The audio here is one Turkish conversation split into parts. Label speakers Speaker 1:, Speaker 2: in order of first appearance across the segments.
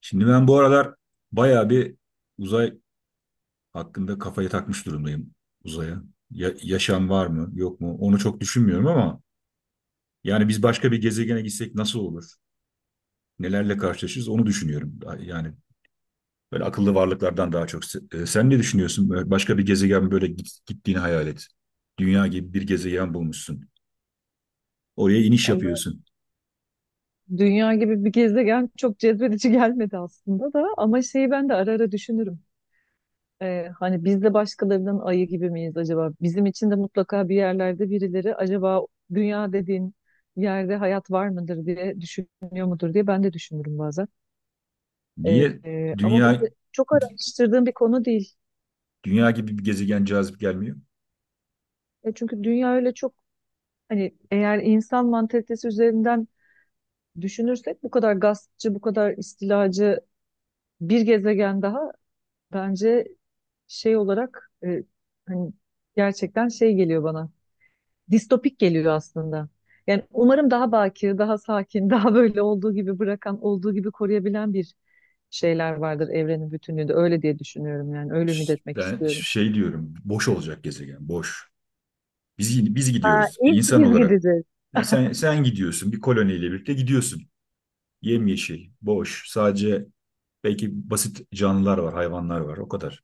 Speaker 1: Şimdi ben bu aralar bayağı bir uzay hakkında kafayı takmış durumdayım uzaya. Yaşam var mı, yok mu? Onu çok düşünmüyorum ama yani biz başka bir gezegene gitsek nasıl olur? Nelerle karşılaşırız onu düşünüyorum. Yani böyle akıllı varlıklardan daha çok. Sen ne düşünüyorsun? Böyle başka bir gezegen böyle gittiğini hayal et. Dünya gibi bir gezegen bulmuşsun. Oraya iniş
Speaker 2: Vallahi
Speaker 1: yapıyorsun.
Speaker 2: dünya gibi bir gezegen çok cezbedici gelmedi aslında da ama şeyi ben de ara ara düşünürüm. Hani biz de başkalarının ayı gibi miyiz acaba? Bizim için de mutlaka bir yerlerde birileri acaba dünya dediğin yerde hayat var mıdır diye düşünüyor mudur diye ben de düşünürüm bazen.
Speaker 1: Niye
Speaker 2: Ama ben
Speaker 1: dünya
Speaker 2: de çok araştırdığım bir konu değil.
Speaker 1: dünya gibi bir gezegen cazip gelmiyor?
Speaker 2: Çünkü dünya öyle çok hani eğer insan mantalitesi üzerinden düşünürsek bu kadar gaspçı, bu kadar istilacı bir gezegen daha. Bence şey olarak, hani gerçekten şey geliyor bana. Distopik geliyor aslında. Yani umarım daha bakir, daha sakin, daha böyle olduğu gibi bırakan, olduğu gibi koruyabilen bir şeyler vardır evrenin bütünlüğünde. Öyle diye düşünüyorum yani. Öyle ümit etmek
Speaker 1: Ben
Speaker 2: istiyorum.
Speaker 1: şey diyorum, boş olacak gezegen, boş. Biz
Speaker 2: Ha,
Speaker 1: gidiyoruz
Speaker 2: ilk
Speaker 1: insan
Speaker 2: biz
Speaker 1: olarak.
Speaker 2: gideceğiz.
Speaker 1: Yani sen gidiyorsun, bir koloniyle birlikte gidiyorsun. Yemyeşil, boş, sadece belki basit canlılar var, hayvanlar var, o kadar.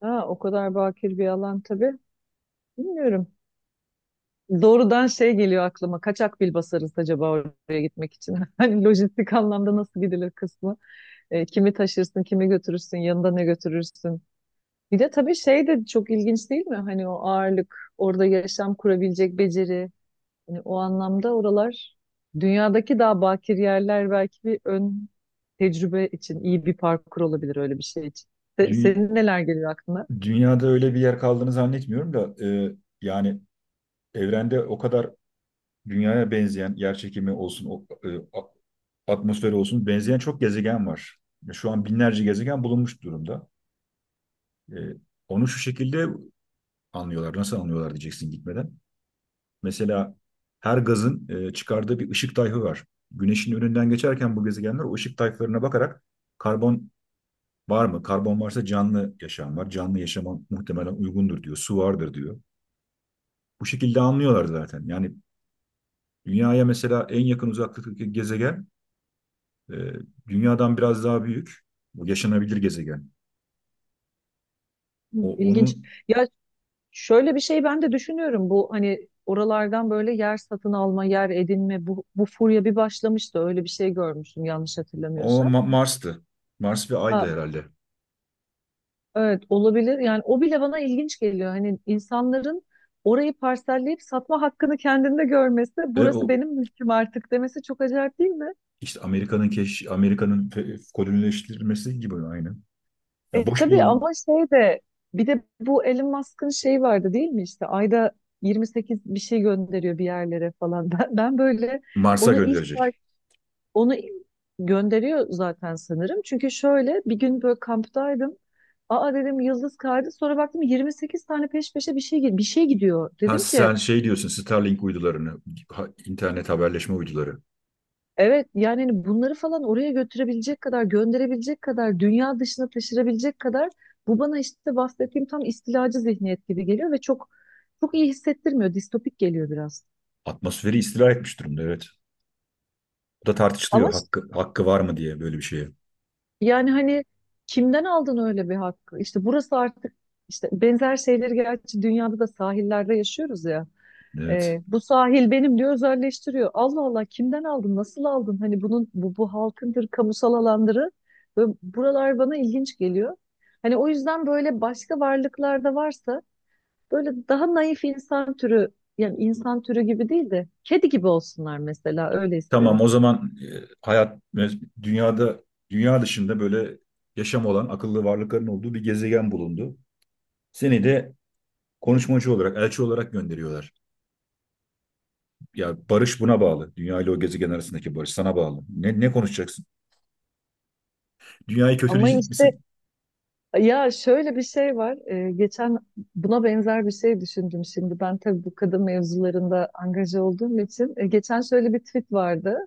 Speaker 2: Ha, o kadar bakir bir alan tabii. Bilmiyorum. Doğrudan şey geliyor aklıma. Kaçak bil basarız acaba oraya gitmek için. Hani lojistik anlamda nasıl gidilir kısmı. Kimi taşırsın, kimi götürürsün, yanında ne götürürsün. Bir de tabii şey de çok ilginç değil mi? Hani o ağırlık, orada yaşam kurabilecek beceri. Hani o anlamda oralar dünyadaki daha bakir yerler belki bir ön tecrübe için iyi bir parkur olabilir öyle bir şey için. Se-
Speaker 1: Dü-
Speaker 2: senin neler geliyor aklına?
Speaker 1: Dünyada öyle bir yer kaldığını zannetmiyorum da yani evrende o kadar dünyaya benzeyen, yer çekimi olsun, atmosferi olsun benzeyen çok gezegen var. Şu an binlerce gezegen bulunmuş durumda. E, Onu şu şekilde anlıyorlar. Nasıl anlıyorlar diyeceksin gitmeden. Mesela her gazın çıkardığı bir ışık tayfı var. Güneşin önünden geçerken bu gezegenler o ışık tayflarına bakarak karbon var mı? Karbon varsa canlı yaşam var. Canlı yaşama muhtemelen uygundur diyor. Su vardır diyor. Bu şekilde anlıyorlar zaten. Yani dünyaya mesela en yakın uzaklıktaki gezegen e, dünyadan biraz daha büyük. Bu yaşanabilir gezegen.
Speaker 2: Hı.
Speaker 1: O
Speaker 2: İlginç.
Speaker 1: onun
Speaker 2: Ya şöyle bir şey ben de düşünüyorum. Bu hani oralardan böyle yer satın alma, yer edinme bu furya bir başlamıştı. Öyle bir şey görmüştüm yanlış
Speaker 1: o
Speaker 2: hatırlamıyorsam.
Speaker 1: Mars'tı. Mars ve Ay'dı herhalde.
Speaker 2: Evet, olabilir. Yani o bile bana ilginç geliyor. Hani insanların orayı parselleyip satma hakkını kendinde görmesi,
Speaker 1: E o
Speaker 2: burası benim mülküm artık demesi çok acayip değil mi?
Speaker 1: işte Amerika'nın kolonileştirilmesi gibi aynı. Yani
Speaker 2: E
Speaker 1: boş
Speaker 2: tabii,
Speaker 1: bul.
Speaker 2: ama şey de bir de bu Elon Musk'ın şeyi vardı değil mi işte ayda 28 bir şey gönderiyor bir yerlere falan. Ben böyle
Speaker 1: Mars'a
Speaker 2: onu ilk
Speaker 1: gönderecek.
Speaker 2: onu gönderiyor zaten sanırım. Çünkü şöyle bir gün böyle kamptaydım. Aa, dedim, yıldız kaydı. Sonra baktım 28 tane peş peşe bir şey gidiyor.
Speaker 1: Ha
Speaker 2: Dedim ki...
Speaker 1: sen şey diyorsun, Starlink uydularını, internet haberleşme uyduları.
Speaker 2: Evet yani hani bunları falan oraya götürebilecek kadar, gönderebilecek kadar, dünya dışına taşırabilecek kadar, bu bana işte bahsettiğim tam istilacı zihniyet gibi geliyor ve çok çok iyi hissettirmiyor. Distopik geliyor biraz.
Speaker 1: Atmosferi istila etmiş durumda, evet. Bu da
Speaker 2: Ama
Speaker 1: tartışılıyor,
Speaker 2: ş-
Speaker 1: hakkı var mı diye böyle bir şeye.
Speaker 2: Yani hani kimden aldın öyle bir hakkı? İşte burası artık. İşte benzer şeyleri gerçi dünyada da sahillerde yaşıyoruz ya.
Speaker 1: Evet.
Speaker 2: Bu sahil benim diyor, özelleştiriyor. Allah Allah, kimden aldın? Nasıl aldın? Hani bunun bu halkındır, kamusal alandırı. Ve buralar bana ilginç geliyor. Hani o yüzden böyle başka varlıklarda varsa böyle daha naif insan türü, yani insan türü gibi değil de kedi gibi olsunlar mesela, öyle
Speaker 1: Tamam,
Speaker 2: isterim.
Speaker 1: o zaman hayat dünyada, dünya dışında böyle yaşam olan akıllı varlıkların olduğu bir gezegen bulundu. Seni de konuşmacı olarak, elçi olarak gönderiyorlar. Ya, barış buna bağlı. Dünya ile o gezegen arasındaki barış sana bağlı. Ne konuşacaksın? Dünyayı
Speaker 2: Ama
Speaker 1: kötüleyecek
Speaker 2: işte
Speaker 1: misin?
Speaker 2: ya şöyle bir şey var. Geçen buna benzer bir şey düşündüm şimdi. Ben tabii bu kadın mevzularında angaja olduğum için, geçen şöyle bir tweet vardı.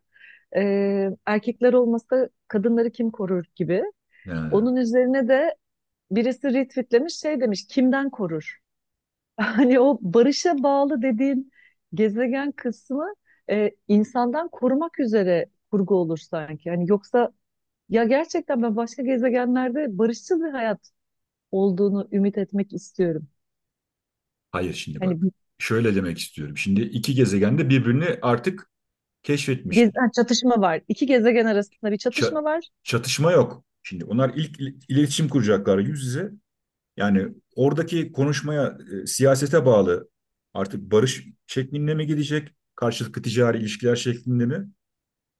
Speaker 2: Erkekler olmasa kadınları kim korur gibi.
Speaker 1: Ha.
Speaker 2: Onun üzerine de birisi retweetlemiş, şey demiş, kimden korur? Hani o barışa bağlı dediğin gezegen kısmı, insandan korumak üzere kurgu olur sanki. Hani yoksa ya gerçekten ben başka gezegenlerde barışçıl bir hayat olduğunu ümit etmek istiyorum.
Speaker 1: Hayır, şimdi
Speaker 2: Hani
Speaker 1: bak.
Speaker 2: bir
Speaker 1: Şöyle demek istiyorum. Şimdi iki gezegen de birbirini artık keşfetmiş.
Speaker 2: ha, çatışma var. İki gezegen arasında bir
Speaker 1: Ça-
Speaker 2: çatışma var.
Speaker 1: Çatışma yok. Şimdi onlar ilk iletişim kuracaklar, yüz yüze. Yani oradaki konuşmaya, siyasete bağlı artık, barış şeklinde mi gidecek? Karşılıklı ticari ilişkiler şeklinde mi?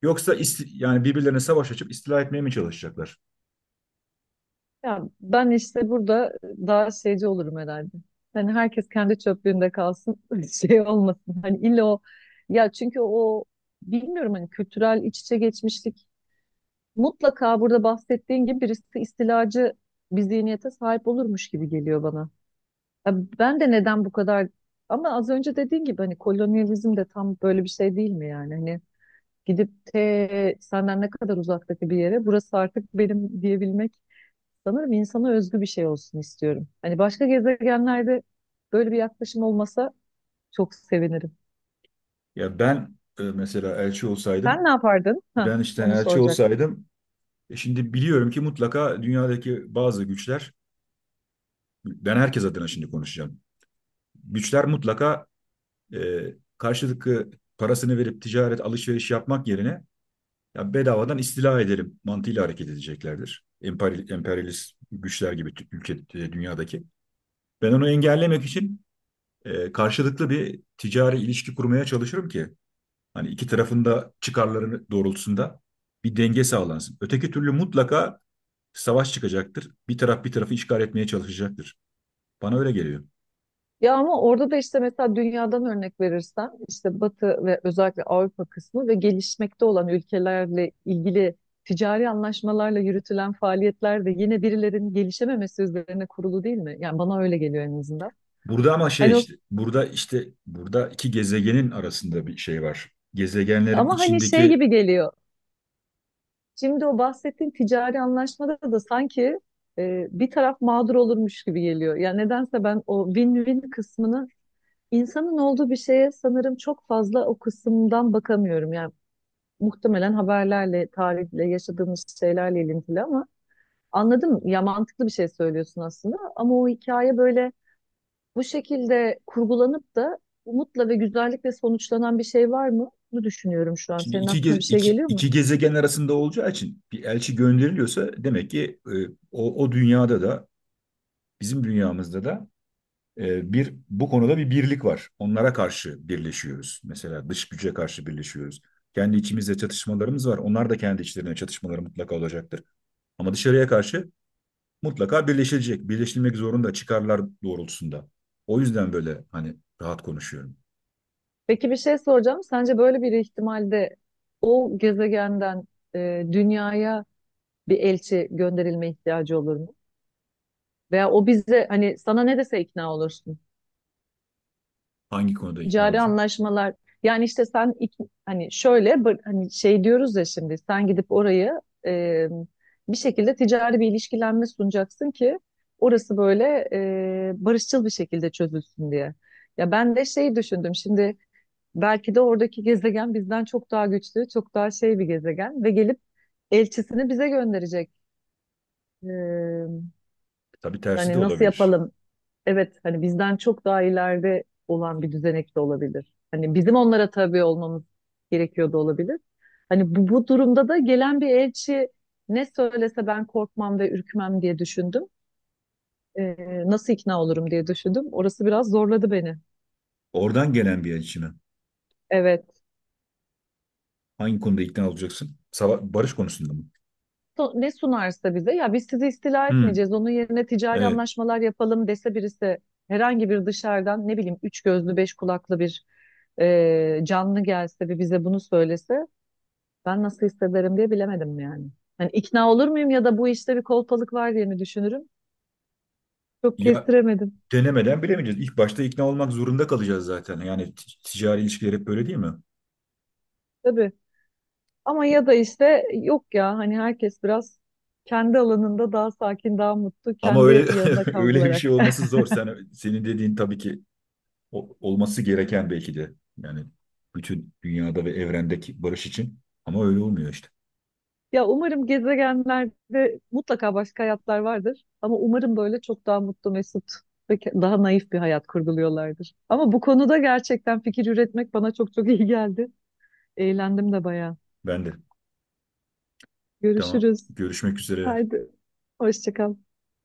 Speaker 1: Yoksa yani birbirlerine savaş açıp istila etmeye mi çalışacaklar?
Speaker 2: Ya ben işte burada daha şeyci olurum herhalde. Hani herkes kendi çöplüğünde kalsın, şey olmasın. Hani illa o, ya çünkü o, bilmiyorum, hani kültürel iç içe geçmişlik mutlaka burada bahsettiğin gibi birisi istilacı bir zihniyete sahip olurmuş gibi geliyor bana. Ya ben de neden bu kadar, ama az önce dediğin gibi hani kolonyalizm de tam böyle bir şey değil mi yani? Hani gidip te senden ne kadar uzaktaki bir yere burası artık benim diyebilmek. Sanırım insana özgü bir şey olsun istiyorum. Hani başka gezegenlerde böyle bir yaklaşım olmasa çok sevinirim.
Speaker 1: Ya ben mesela elçi
Speaker 2: Sen
Speaker 1: olsaydım,
Speaker 2: ne yapardın? Ha,
Speaker 1: ben işte
Speaker 2: onu
Speaker 1: elçi
Speaker 2: soracaktım.
Speaker 1: olsaydım, şimdi biliyorum ki mutlaka dünyadaki bazı güçler, ben herkes adına şimdi konuşacağım. Güçler mutlaka e, karşılıklı parasını verip ticaret, alışveriş yapmak yerine ya bedavadan istila edelim mantığıyla hareket edeceklerdir. Emperyalist güçler gibi, ülke, dünyadaki. Ben onu engellemek için karşılıklı bir ticari ilişki kurmaya çalışırım ki hani iki tarafında çıkarları doğrultusunda bir denge sağlansın. Öteki türlü mutlaka savaş çıkacaktır. Bir taraf bir tarafı işgal etmeye çalışacaktır. Bana öyle geliyor.
Speaker 2: Ya ama orada da işte mesela dünyadan örnek verirsen işte Batı ve özellikle Avrupa kısmı ve gelişmekte olan ülkelerle ilgili ticari anlaşmalarla yürütülen faaliyetler de yine birilerinin gelişememesi üzerine kurulu değil mi? Yani bana öyle geliyor en azından.
Speaker 1: Burada ama şey,
Speaker 2: Hani o,
Speaker 1: işte burada, işte burada iki gezegenin arasında bir şey var. Gezegenlerin
Speaker 2: ama hani şey
Speaker 1: içindeki,
Speaker 2: gibi geliyor. Şimdi o bahsettiğin ticari anlaşmada da sanki, bir taraf mağdur olurmuş gibi geliyor. Yani nedense ben o win-win kısmını, insanın olduğu bir şeye sanırım çok fazla o kısımdan bakamıyorum. Yani muhtemelen haberlerle, tarihle, yaşadığımız şeylerle ilintili, ama anladım ya, mantıklı bir şey söylüyorsun aslında. Ama o hikaye böyle bu şekilde kurgulanıp da umutla ve güzellikle sonuçlanan bir şey var mı? Bunu düşünüyorum şu an.
Speaker 1: şimdi
Speaker 2: Senin
Speaker 1: iki,
Speaker 2: aklına bir
Speaker 1: ge-
Speaker 2: şey
Speaker 1: iki,
Speaker 2: geliyor mu?
Speaker 1: iki gezegen arasında olacağı için bir elçi gönderiliyorsa demek ki o dünyada da, bizim dünyamızda da bir, bu konuda bir birlik var. Onlara karşı birleşiyoruz. Mesela dış güce karşı birleşiyoruz. Kendi içimizde çatışmalarımız var. Onlar da kendi içlerine çatışmaları mutlaka olacaktır. Ama dışarıya karşı mutlaka birleşilecek, birleşilmek zorunda, çıkarlar doğrultusunda. O yüzden böyle hani rahat konuşuyorum.
Speaker 2: Peki, bir şey soracağım. Sence böyle bir ihtimalde o gezegenden dünyaya bir elçi gönderilme ihtiyacı olur mu? Veya o bize hani sana ne dese ikna olursun.
Speaker 1: Hangi konuda ikna
Speaker 2: Ticari
Speaker 1: olacağım?
Speaker 2: anlaşmalar, yani işte hani şöyle hani şey diyoruz ya, şimdi sen gidip orayı bir şekilde ticari bir ilişkilenme sunacaksın ki orası böyle barışçıl bir şekilde çözülsün diye. Ya ben de şey düşündüm şimdi, belki de oradaki gezegen bizden çok daha güçlü, çok daha şey bir gezegen ve gelip elçisini bize gönderecek. Ee,
Speaker 1: Tabii tersi de
Speaker 2: hani nasıl
Speaker 1: olabilir.
Speaker 2: yapalım? Evet, hani bizden çok daha ileride olan bir düzenek de olabilir. Hani bizim onlara tabi olmamız gerekiyor da olabilir. Hani bu, durumda da gelen bir elçi ne söylese ben korkmam ve ürkmem diye düşündüm. Nasıl ikna olurum diye düşündüm. Orası biraz zorladı beni.
Speaker 1: Oradan gelen bir içime.
Speaker 2: Evet.
Speaker 1: Hangi konuda ikna olacaksın? Barış konusunda mı?
Speaker 2: Ne sunarsa bize, ya biz sizi istila
Speaker 1: Hmm,
Speaker 2: etmeyeceğiz, onun yerine ticari
Speaker 1: evet.
Speaker 2: anlaşmalar yapalım dese birisi, herhangi bir dışarıdan, ne bileyim, üç gözlü beş kulaklı bir canlı gelse ve bize bunu söylese, ben nasıl hissederim diye bilemedim yani. Hani ikna olur muyum ya da bu işte bir kolpalık var diye mi düşünürüm? Çok
Speaker 1: Ya,
Speaker 2: kestiremedim
Speaker 1: denemeden bilemeyeceğiz. İlk başta ikna olmak zorunda kalacağız zaten. Yani ticari ilişkiler hep böyle değil mi?
Speaker 2: tabii. Ama ya da işte yok ya, hani herkes biraz kendi alanında daha sakin, daha mutlu,
Speaker 1: Ama
Speaker 2: kendi
Speaker 1: öyle
Speaker 2: yanında
Speaker 1: öyle bir şey
Speaker 2: kavrularak.
Speaker 1: olması zor. Sen, senin dediğin tabii ki olması gereken belki de, yani bütün dünyada ve evrendeki barış için, ama öyle olmuyor işte.
Speaker 2: Ya umarım gezegenlerde mutlaka başka hayatlar vardır. Ama umarım böyle çok daha mutlu, mesut ve daha naif bir hayat kurguluyorlardır. Ama bu konuda gerçekten fikir üretmek bana çok çok iyi geldi. Eğlendim de bayağı.
Speaker 1: Ben de. Tamam.
Speaker 2: Görüşürüz.
Speaker 1: Görüşmek üzere.
Speaker 2: Haydi. Hoşça kal.